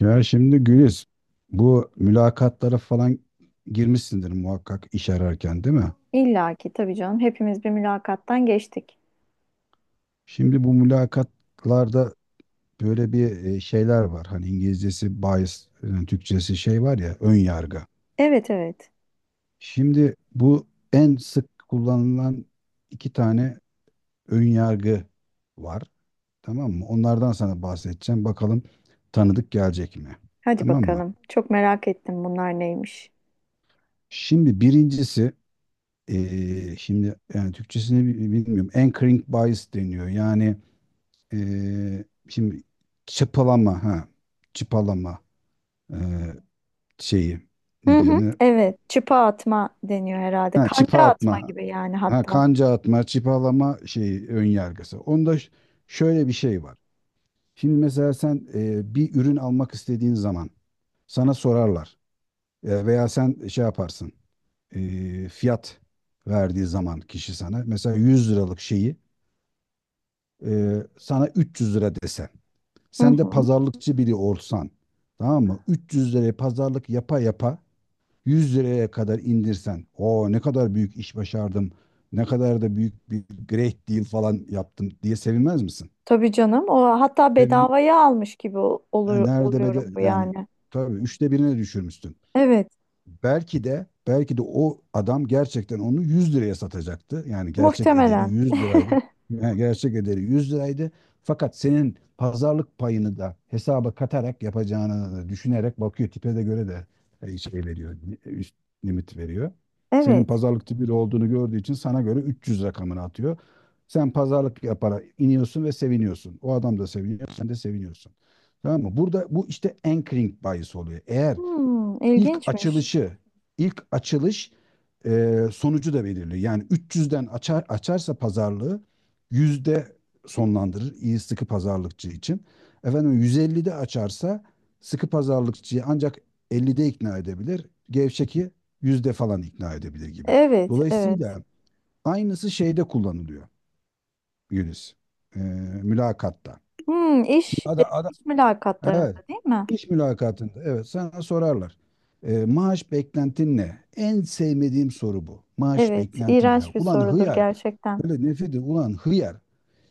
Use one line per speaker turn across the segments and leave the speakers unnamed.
Ya şimdi Güliz, bu mülakatlara falan girmişsindir muhakkak iş ararken, değil mi?
İlla ki tabii canım. Hepimiz bir mülakattan geçtik.
Şimdi bu mülakatlarda böyle bir şeyler var. Hani İngilizcesi bias, yani Türkçesi şey var ya, ön yargı.
Evet, evet.
Şimdi bu en sık kullanılan iki tane ön yargı var. Tamam mı? Onlardan sana bahsedeceğim. Bakalım tanıdık gelecek mi?
Hadi
Tamam mı?
bakalım, çok merak ettim bunlar neymiş.
Şimdi birincisi. Şimdi yani Türkçesini bilmiyorum. Anchoring bias deniyor. Yani şimdi çıpalama, ha, çıpalama, ee, şeyi
Hı
ne
hı.
denir?
Evet. Çıpa atma deniyor herhalde.
Ha,
Kanca
çıpa
atma
atma.
gibi yani
Ha,
hatta.
kanca atma, çıpalama şeyi ön yargısı. Onda şöyle bir şey var. Şimdi mesela sen bir ürün almak istediğin zaman sana sorarlar. Veya sen şey yaparsın. Fiyat verdiği zaman kişi sana mesela 100 liralık şeyi, sana 300 lira desem.
Hı
Sen de
hı.
pazarlıkçı biri olsan. Tamam mı? 300 liraya pazarlık yapa yapa 100 liraya kadar indirsen, o ne kadar büyük iş başardım, ne kadar da büyük bir great deal falan yaptım diye sevinmez misin?
Tabii canım. O hatta
Sevin,
bedavaya almış gibi
yani
olur
nerede bede
oluyorum bu
yani,
yani.
tabii üçte birine düşürmüşsün.
Evet.
Belki de o adam gerçekten onu 100 liraya satacaktı. Yani gerçek ederi
Muhtemelen.
100 liraydı. Yani gerçek ederi 100 liraydı. Fakat senin pazarlık payını da hesaba katarak yapacağını düşünerek bakıyor, tipe de göre de şey veriyor. Üst limit veriyor. Senin
Evet.
pazarlık tipi de olduğunu gördüğü için sana göre 300 rakamını atıyor. Sen pazarlık yaparak iniyorsun ve seviniyorsun. O adam da seviniyor, sen de seviniyorsun. Tamam mı? Burada bu işte anchoring bayisi oluyor. Eğer
Hmm,
ilk
ilginçmiş.
açılışı, ilk açılış sonucu da belirliyor. Yani 300'den açarsa pazarlığı yüzde sonlandırır iyi sıkı pazarlıkçı için. Efendim 150'de açarsa sıkı pazarlıkçıyı ancak 50'de ikna edebilir. Gevşeki yüzde falan ikna edebilir gibi.
Evet, evet.
Dolayısıyla aynısı şeyde kullanılıyor Yunus. E, Mülakatta.
Hmm,
Şimdi ada-
iş mülakatlarında
Evet.
değil mi?
İş mülakatında, evet, sana sorarlar. Maaş beklentin ne? En sevmediğim soru bu. Maaş
Evet,
beklentim ne?
iğrenç bir
Ulan
sorudur
hıyar.
gerçekten.
Böyle nefret ediyorum. Ulan hıyar.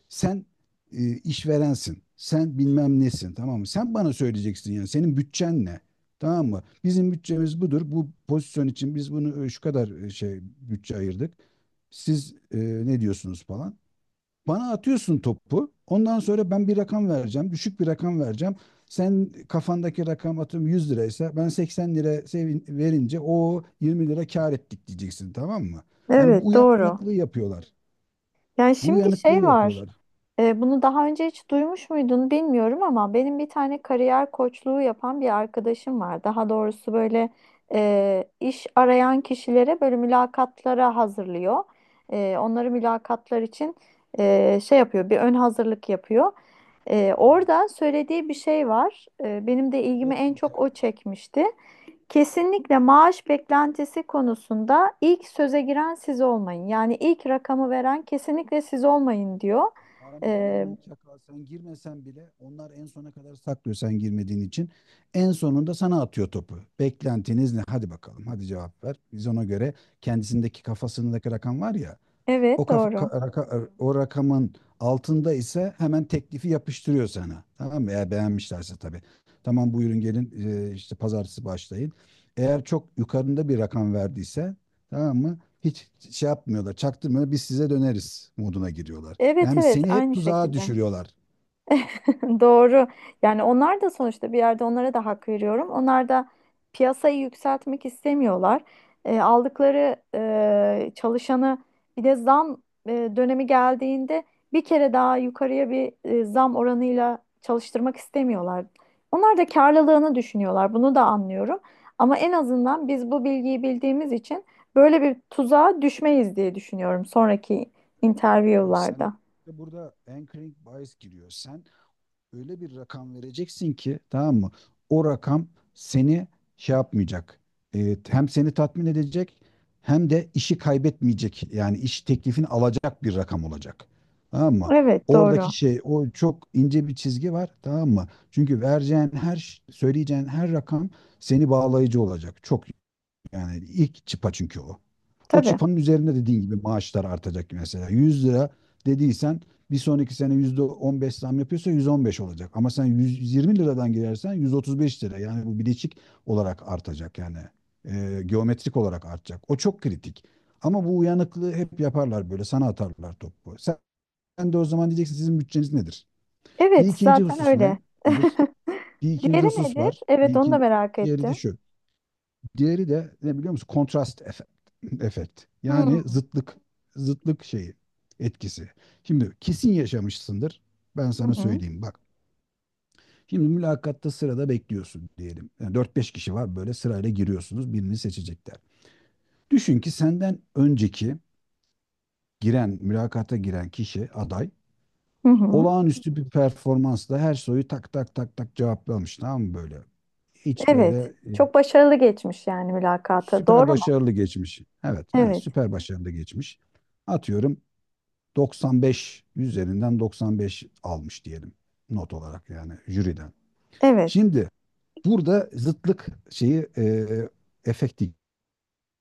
Sen işverensin. Sen bilmem nesin. Tamam mı? Sen bana söyleyeceksin yani. Senin bütçen ne? Tamam mı? Bizim bütçemiz budur. Bu pozisyon için biz bunu şu kadar şey bütçe ayırdık. Siz ne diyorsunuz falan. Bana atıyorsun topu. Ondan sonra ben bir rakam vereceğim. Düşük bir rakam vereceğim. Sen kafandaki rakam atıyorum 100 liraysa, ben 80 lira sevin, verince o 20 lira kar ettik diyeceksin, tamam mı? Hani bu
Evet, doğru.
uyanıklığı yapıyorlar.
Yani
Bu
şimdi
uyanıklığı
şey var.
yapıyorlar.
Bunu daha önce hiç duymuş muydun bilmiyorum, ama benim bir tane kariyer koçluğu yapan bir arkadaşım var. Daha doğrusu böyle iş arayan kişilere böyle mülakatlara hazırlıyor. Onları mülakatlar için şey yapıyor, bir ön hazırlık yapıyor.
Evet.
Orada söylediği bir şey var. Benim de ilgimi
Mock
en çok o
interview.
çekmişti. Kesinlikle maaş beklentisi konusunda ilk söze giren siz olmayın. Yani ilk rakamı veren kesinlikle siz olmayın diyor.
Arama
Ee,
uyanık çakal, sen girmesen bile onlar en sona kadar saklıyor, sen girmediğin için. En sonunda sana atıyor topu. Beklentiniz ne? Hadi bakalım, hadi cevap ver. Biz ona göre kendisindeki kafasındaki rakam var ya, O
evet
kafa,
doğru.
ka- raka- er, o rakamın altında ise hemen teklifi yapıştırıyor sana. Tamam mı? Eğer beğenmişlerse tabii. Tamam, buyurun gelin, işte pazartesi başlayın. Eğer çok yukarında bir rakam verdiyse, tamam mı? Hiç şey yapmıyorlar, çaktırmıyorlar. Biz size döneriz moduna giriyorlar.
Evet
Yani
evet,
seni hep
aynı
tuzağa
şekilde.
düşürüyorlar.
Doğru. Yani onlar da sonuçta bir yerde, onlara da hak veriyorum. Onlar da piyasayı yükseltmek istemiyorlar. Aldıkları çalışanı bir de zam dönemi geldiğinde bir kere daha yukarıya bir zam oranıyla çalıştırmak istemiyorlar. Onlar da karlılığını düşünüyorlar. Bunu da anlıyorum. Ama en azından biz bu bilgiyi bildiğimiz için böyle bir tuzağa düşmeyiz diye düşünüyorum sonraki
Evet, sen
interview'larda.
işte burada anchoring bias giriyor. Sen öyle bir rakam vereceksin ki, tamam mı? O rakam seni şey yapmayacak. Hem seni tatmin edecek hem de işi kaybetmeyecek. Yani iş teklifini alacak bir rakam olacak. Tamam mı?
Evet,
Oradaki
doğru.
şey, o çok ince bir çizgi var, tamam mı? Çünkü vereceğin her söyleyeceğin her rakam seni bağlayıcı olacak. Çok, yani ilk çıpa çünkü o. O
Tabii.
çıpanın üzerinde dediğin gibi maaşlar artacak mesela. 100 lira dediysen bir sonraki sene %15 zam yapıyorsa 115 olacak. Ama sen 120 liradan girersen 135 lira. Yani bu bileşik olarak artacak yani. Geometrik olarak artacak. O çok kritik. Ama bu uyanıklığı hep yaparlar böyle. Sana atarlar topu. Sen de o zaman diyeceksin, sizin bütçeniz nedir? Bir
Evet,
ikinci
zaten
husus ne?
öyle.
Gülüş? Bir ikinci
Diğeri
husus
nedir?
var.
Evet, onu da merak
Diğeri de
ettim.
şu. Diğeri de ne biliyor musun? Kontrast efekt. efekt.
Hmm.
Yani zıtlık şeyi etkisi. Şimdi kesin yaşamışsındır. Ben
Hı
sana
hı.
söyleyeyim bak. Şimdi mülakatta sırada bekliyorsun diyelim. Yani 4-5 kişi var böyle, sırayla giriyorsunuz, birini seçecekler. Düşün ki senden önceki giren, mülakata giren kişi aday
Hı hı.
olağanüstü bir performansla her soruyu tak tak tak tak cevaplamış, tamam mı böyle? Hiç böyle
Evet.
e,
Çok başarılı geçmiş yani mülakata.
Süper
Doğru mu?
başarılı geçmiş. Evet, ha,
Evet.
süper başarılı geçmiş. Atıyorum 95 üzerinden 95 almış diyelim, not olarak yani jüriden.
Evet.
Şimdi burada zıtlık şeyi, efekti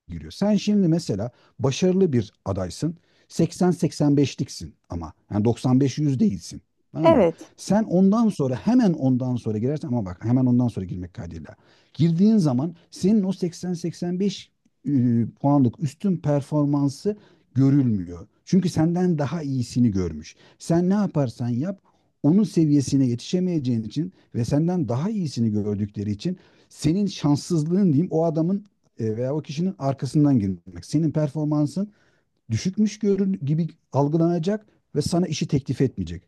giriyor. Sen şimdi mesela başarılı bir adaysın. 80-85'liksin ama. Yani 95 yüz değilsin. Tamam mı?
Evet.
Sen ondan sonra, hemen ondan sonra girersen, ama bak, hemen ondan sonra girmek kaydıyla. Girdiğin zaman senin o 80-85 puanlık üstün performansı görülmüyor. Çünkü senden daha iyisini görmüş. Sen ne yaparsan yap onun seviyesine yetişemeyeceğin için ve senden daha iyisini gördükleri için senin şanssızlığın diyeyim, o adamın, veya o kişinin arkasından girmek. Senin performansın düşükmüş görün gibi algılanacak ve sana işi teklif etmeyecek.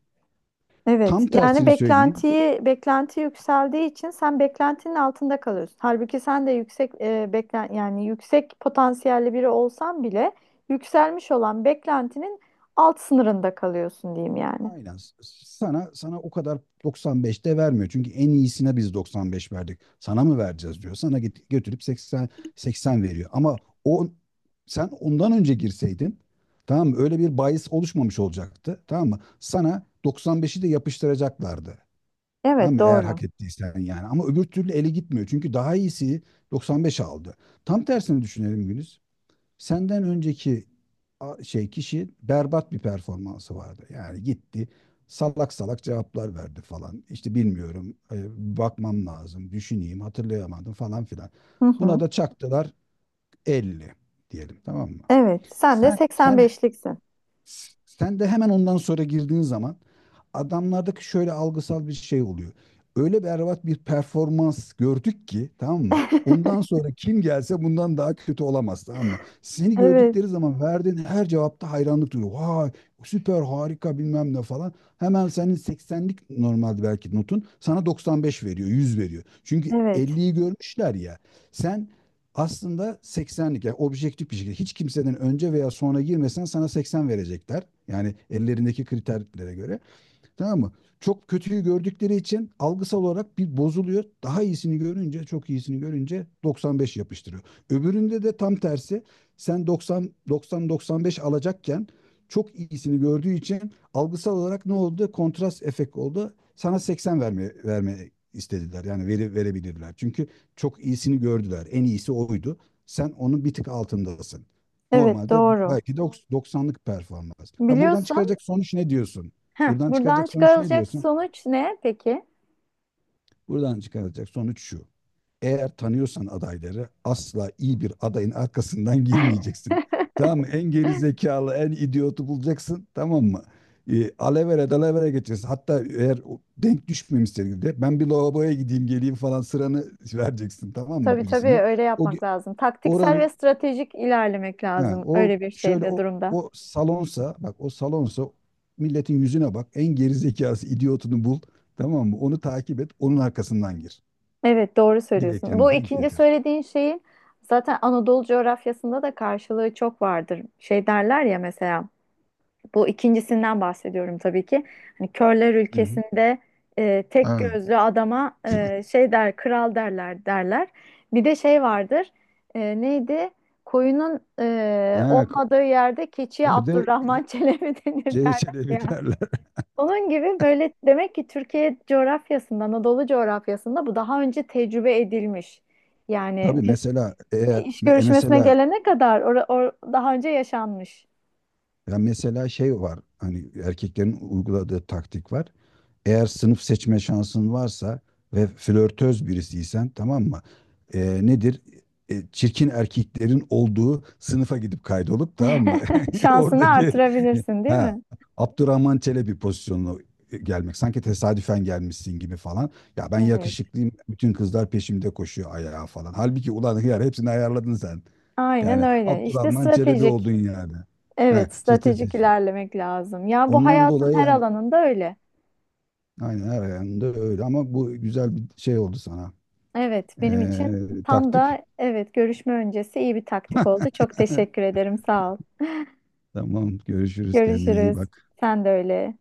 Evet.
Tam
Yani
tersini söyleyeyim.
beklentiyi, beklenti yükseldiği için sen beklentinin altında kalıyorsun. Halbuki sen de yüksek yani yüksek potansiyelli biri olsan bile yükselmiş olan beklentinin alt sınırında kalıyorsun diyeyim yani.
Aynen. Sana o kadar 95'te vermiyor. Çünkü en iyisine biz 95 verdik. Sana mı vereceğiz diyor. Sana götürüp 80 veriyor. Ama o, sen ondan önce girseydin, tamam mı? Öyle bir bias oluşmamış olacaktı. Tamam mı? Sana 95'i de yapıştıracaklardı. Tamam
Evet
mı? Eğer
doğru.
hak ettiysen yani. Ama öbür türlü ele gitmiyor. Çünkü daha iyisi 95 aldı. Tam tersini düşünelim Güliz. Senden önceki şey kişi berbat bir performansı vardı. Yani gitti salak salak cevaplar verdi falan. İşte bilmiyorum, bakmam lazım, düşüneyim, hatırlayamadım, falan filan.
Hı
Buna
hı.
da çaktılar 50 diyelim, tamam mı?
Evet. Sen de
Sen sen
85'liksin.
sen de hemen ondan sonra girdiğin zaman adamlardaki şöyle algısal bir şey oluyor. Öyle berbat bir performans gördük ki, tamam mı? Ondan sonra kim gelse bundan daha kötü olamaz, tamam mı? Seni gördükleri
Evet.
zaman verdiğin her cevapta hayranlık duyuyor. Vay, süper, harika, bilmem ne falan. Hemen senin 80'lik normalde belki notun, sana 95 veriyor, 100 veriyor. Çünkü
Evet.
50'yi görmüşler ya. Sen aslında 80'lik, yani objektif bir şekilde hiç kimseden önce veya sonra girmesen, sana 80 verecekler. Yani ellerindeki kriterlere göre. Tamam mı? Çok kötüyü gördükleri için algısal olarak bir bozuluyor. Daha iyisini görünce, çok iyisini görünce 95 yapıştırıyor. Öbüründe de tam tersi. Sen 90 95 alacakken çok iyisini gördüğü için algısal olarak ne oldu? Kontrast efekt oldu. Sana 80 verme istediler. Yani veri verebilirler. Çünkü çok iyisini gördüler. En iyisi oydu. Sen onun bir tık altındasın.
Evet
Normalde
doğru.
belki de 90'lık performans. Ha, buradan
Biliyorsun.
çıkaracak sonuç ne diyorsun?
Heh,
Buradan
buradan
çıkacak sonuç ne
çıkarılacak
diyorsun?
sonuç ne peki?
Buradan çıkacak sonuç şu. Eğer tanıyorsan adayları, asla iyi bir adayın arkasından girmeyeceksin. Tamam mı? En geri zekalı, en idiotu bulacaksın. Tamam mı? Alevere dalavere geçeceksin. Hatta eğer o denk düşmemişse de ben bir lavaboya gideyim geleyim falan, sıranı vereceksin. Tamam mı
Tabii tabii,
birisine?
öyle
O, ge-
yapmak lazım. Taktiksel ve
oranın
stratejik ilerlemek
He,
lazım
or
öyle bir
şöyle
şeyde, durumda.
o salonsa milletin yüzüne bak. En gerizekası idiotunu bul. Tamam mı? Onu takip et. Onun arkasından gir.
Evet doğru
Direkt
söylüyorsun. Bu
yani denk
ikinci
getir.
söylediğin şeyin zaten Anadolu coğrafyasında da karşılığı çok vardır. Şey derler ya mesela, bu ikincisinden bahsediyorum tabii ki. Hani körler
Hı hı.
ülkesinde tek
Ha.
gözlü adama şey der, kral derler derler. Bir de şey vardır. Neydi? Koyunun
Ha,
olmadığı yerde keçiye
öde
Abdurrahman Çelebi denir derler
CS'de
ya.
biterler.
Onun gibi, böyle demek ki Türkiye coğrafyasında, Anadolu coğrafyasında bu daha önce tecrübe edilmiş. Yani
Tabii
biz
mesela eğer
iş görüşmesine
mesela.
gelene kadar daha önce yaşanmış.
Ya mesela şey var, hani erkeklerin uyguladığı taktik var. Eğer sınıf seçme şansın varsa ve flörtöz birisiysen, tamam mı? Nedir? Çirkin erkeklerin olduğu sınıfa gidip kaydolup, tamam mı?
Şansını
Oradaki,
artırabilirsin, değil
ha,
mi?
Abdurrahman Çelebi pozisyonuna gelmek. Sanki tesadüfen gelmişsin gibi falan. Ya, ben
Evet.
yakışıklıyım. Bütün kızlar peşimde koşuyor ayağa falan. Halbuki ulan hıyar hepsini ayarladın sen.
Aynen
Yani
öyle. İşte
Abdurrahman Çelebi
stratejik.
oldun yani. He,
Evet, stratejik
strateji.
ilerlemek lazım. Ya bu
Ondan
hayatın
dolayı
her
yani
alanında öyle.
aynen her yanında öyle, ama bu güzel bir şey oldu sana.
Evet, benim için tam
Taktik.
da, evet, görüşme öncesi iyi bir taktik oldu. Çok teşekkür ederim. Sağ ol.
Tamam görüşürüz, kendine iyi
Görüşürüz.
bak.
Sen de öyle.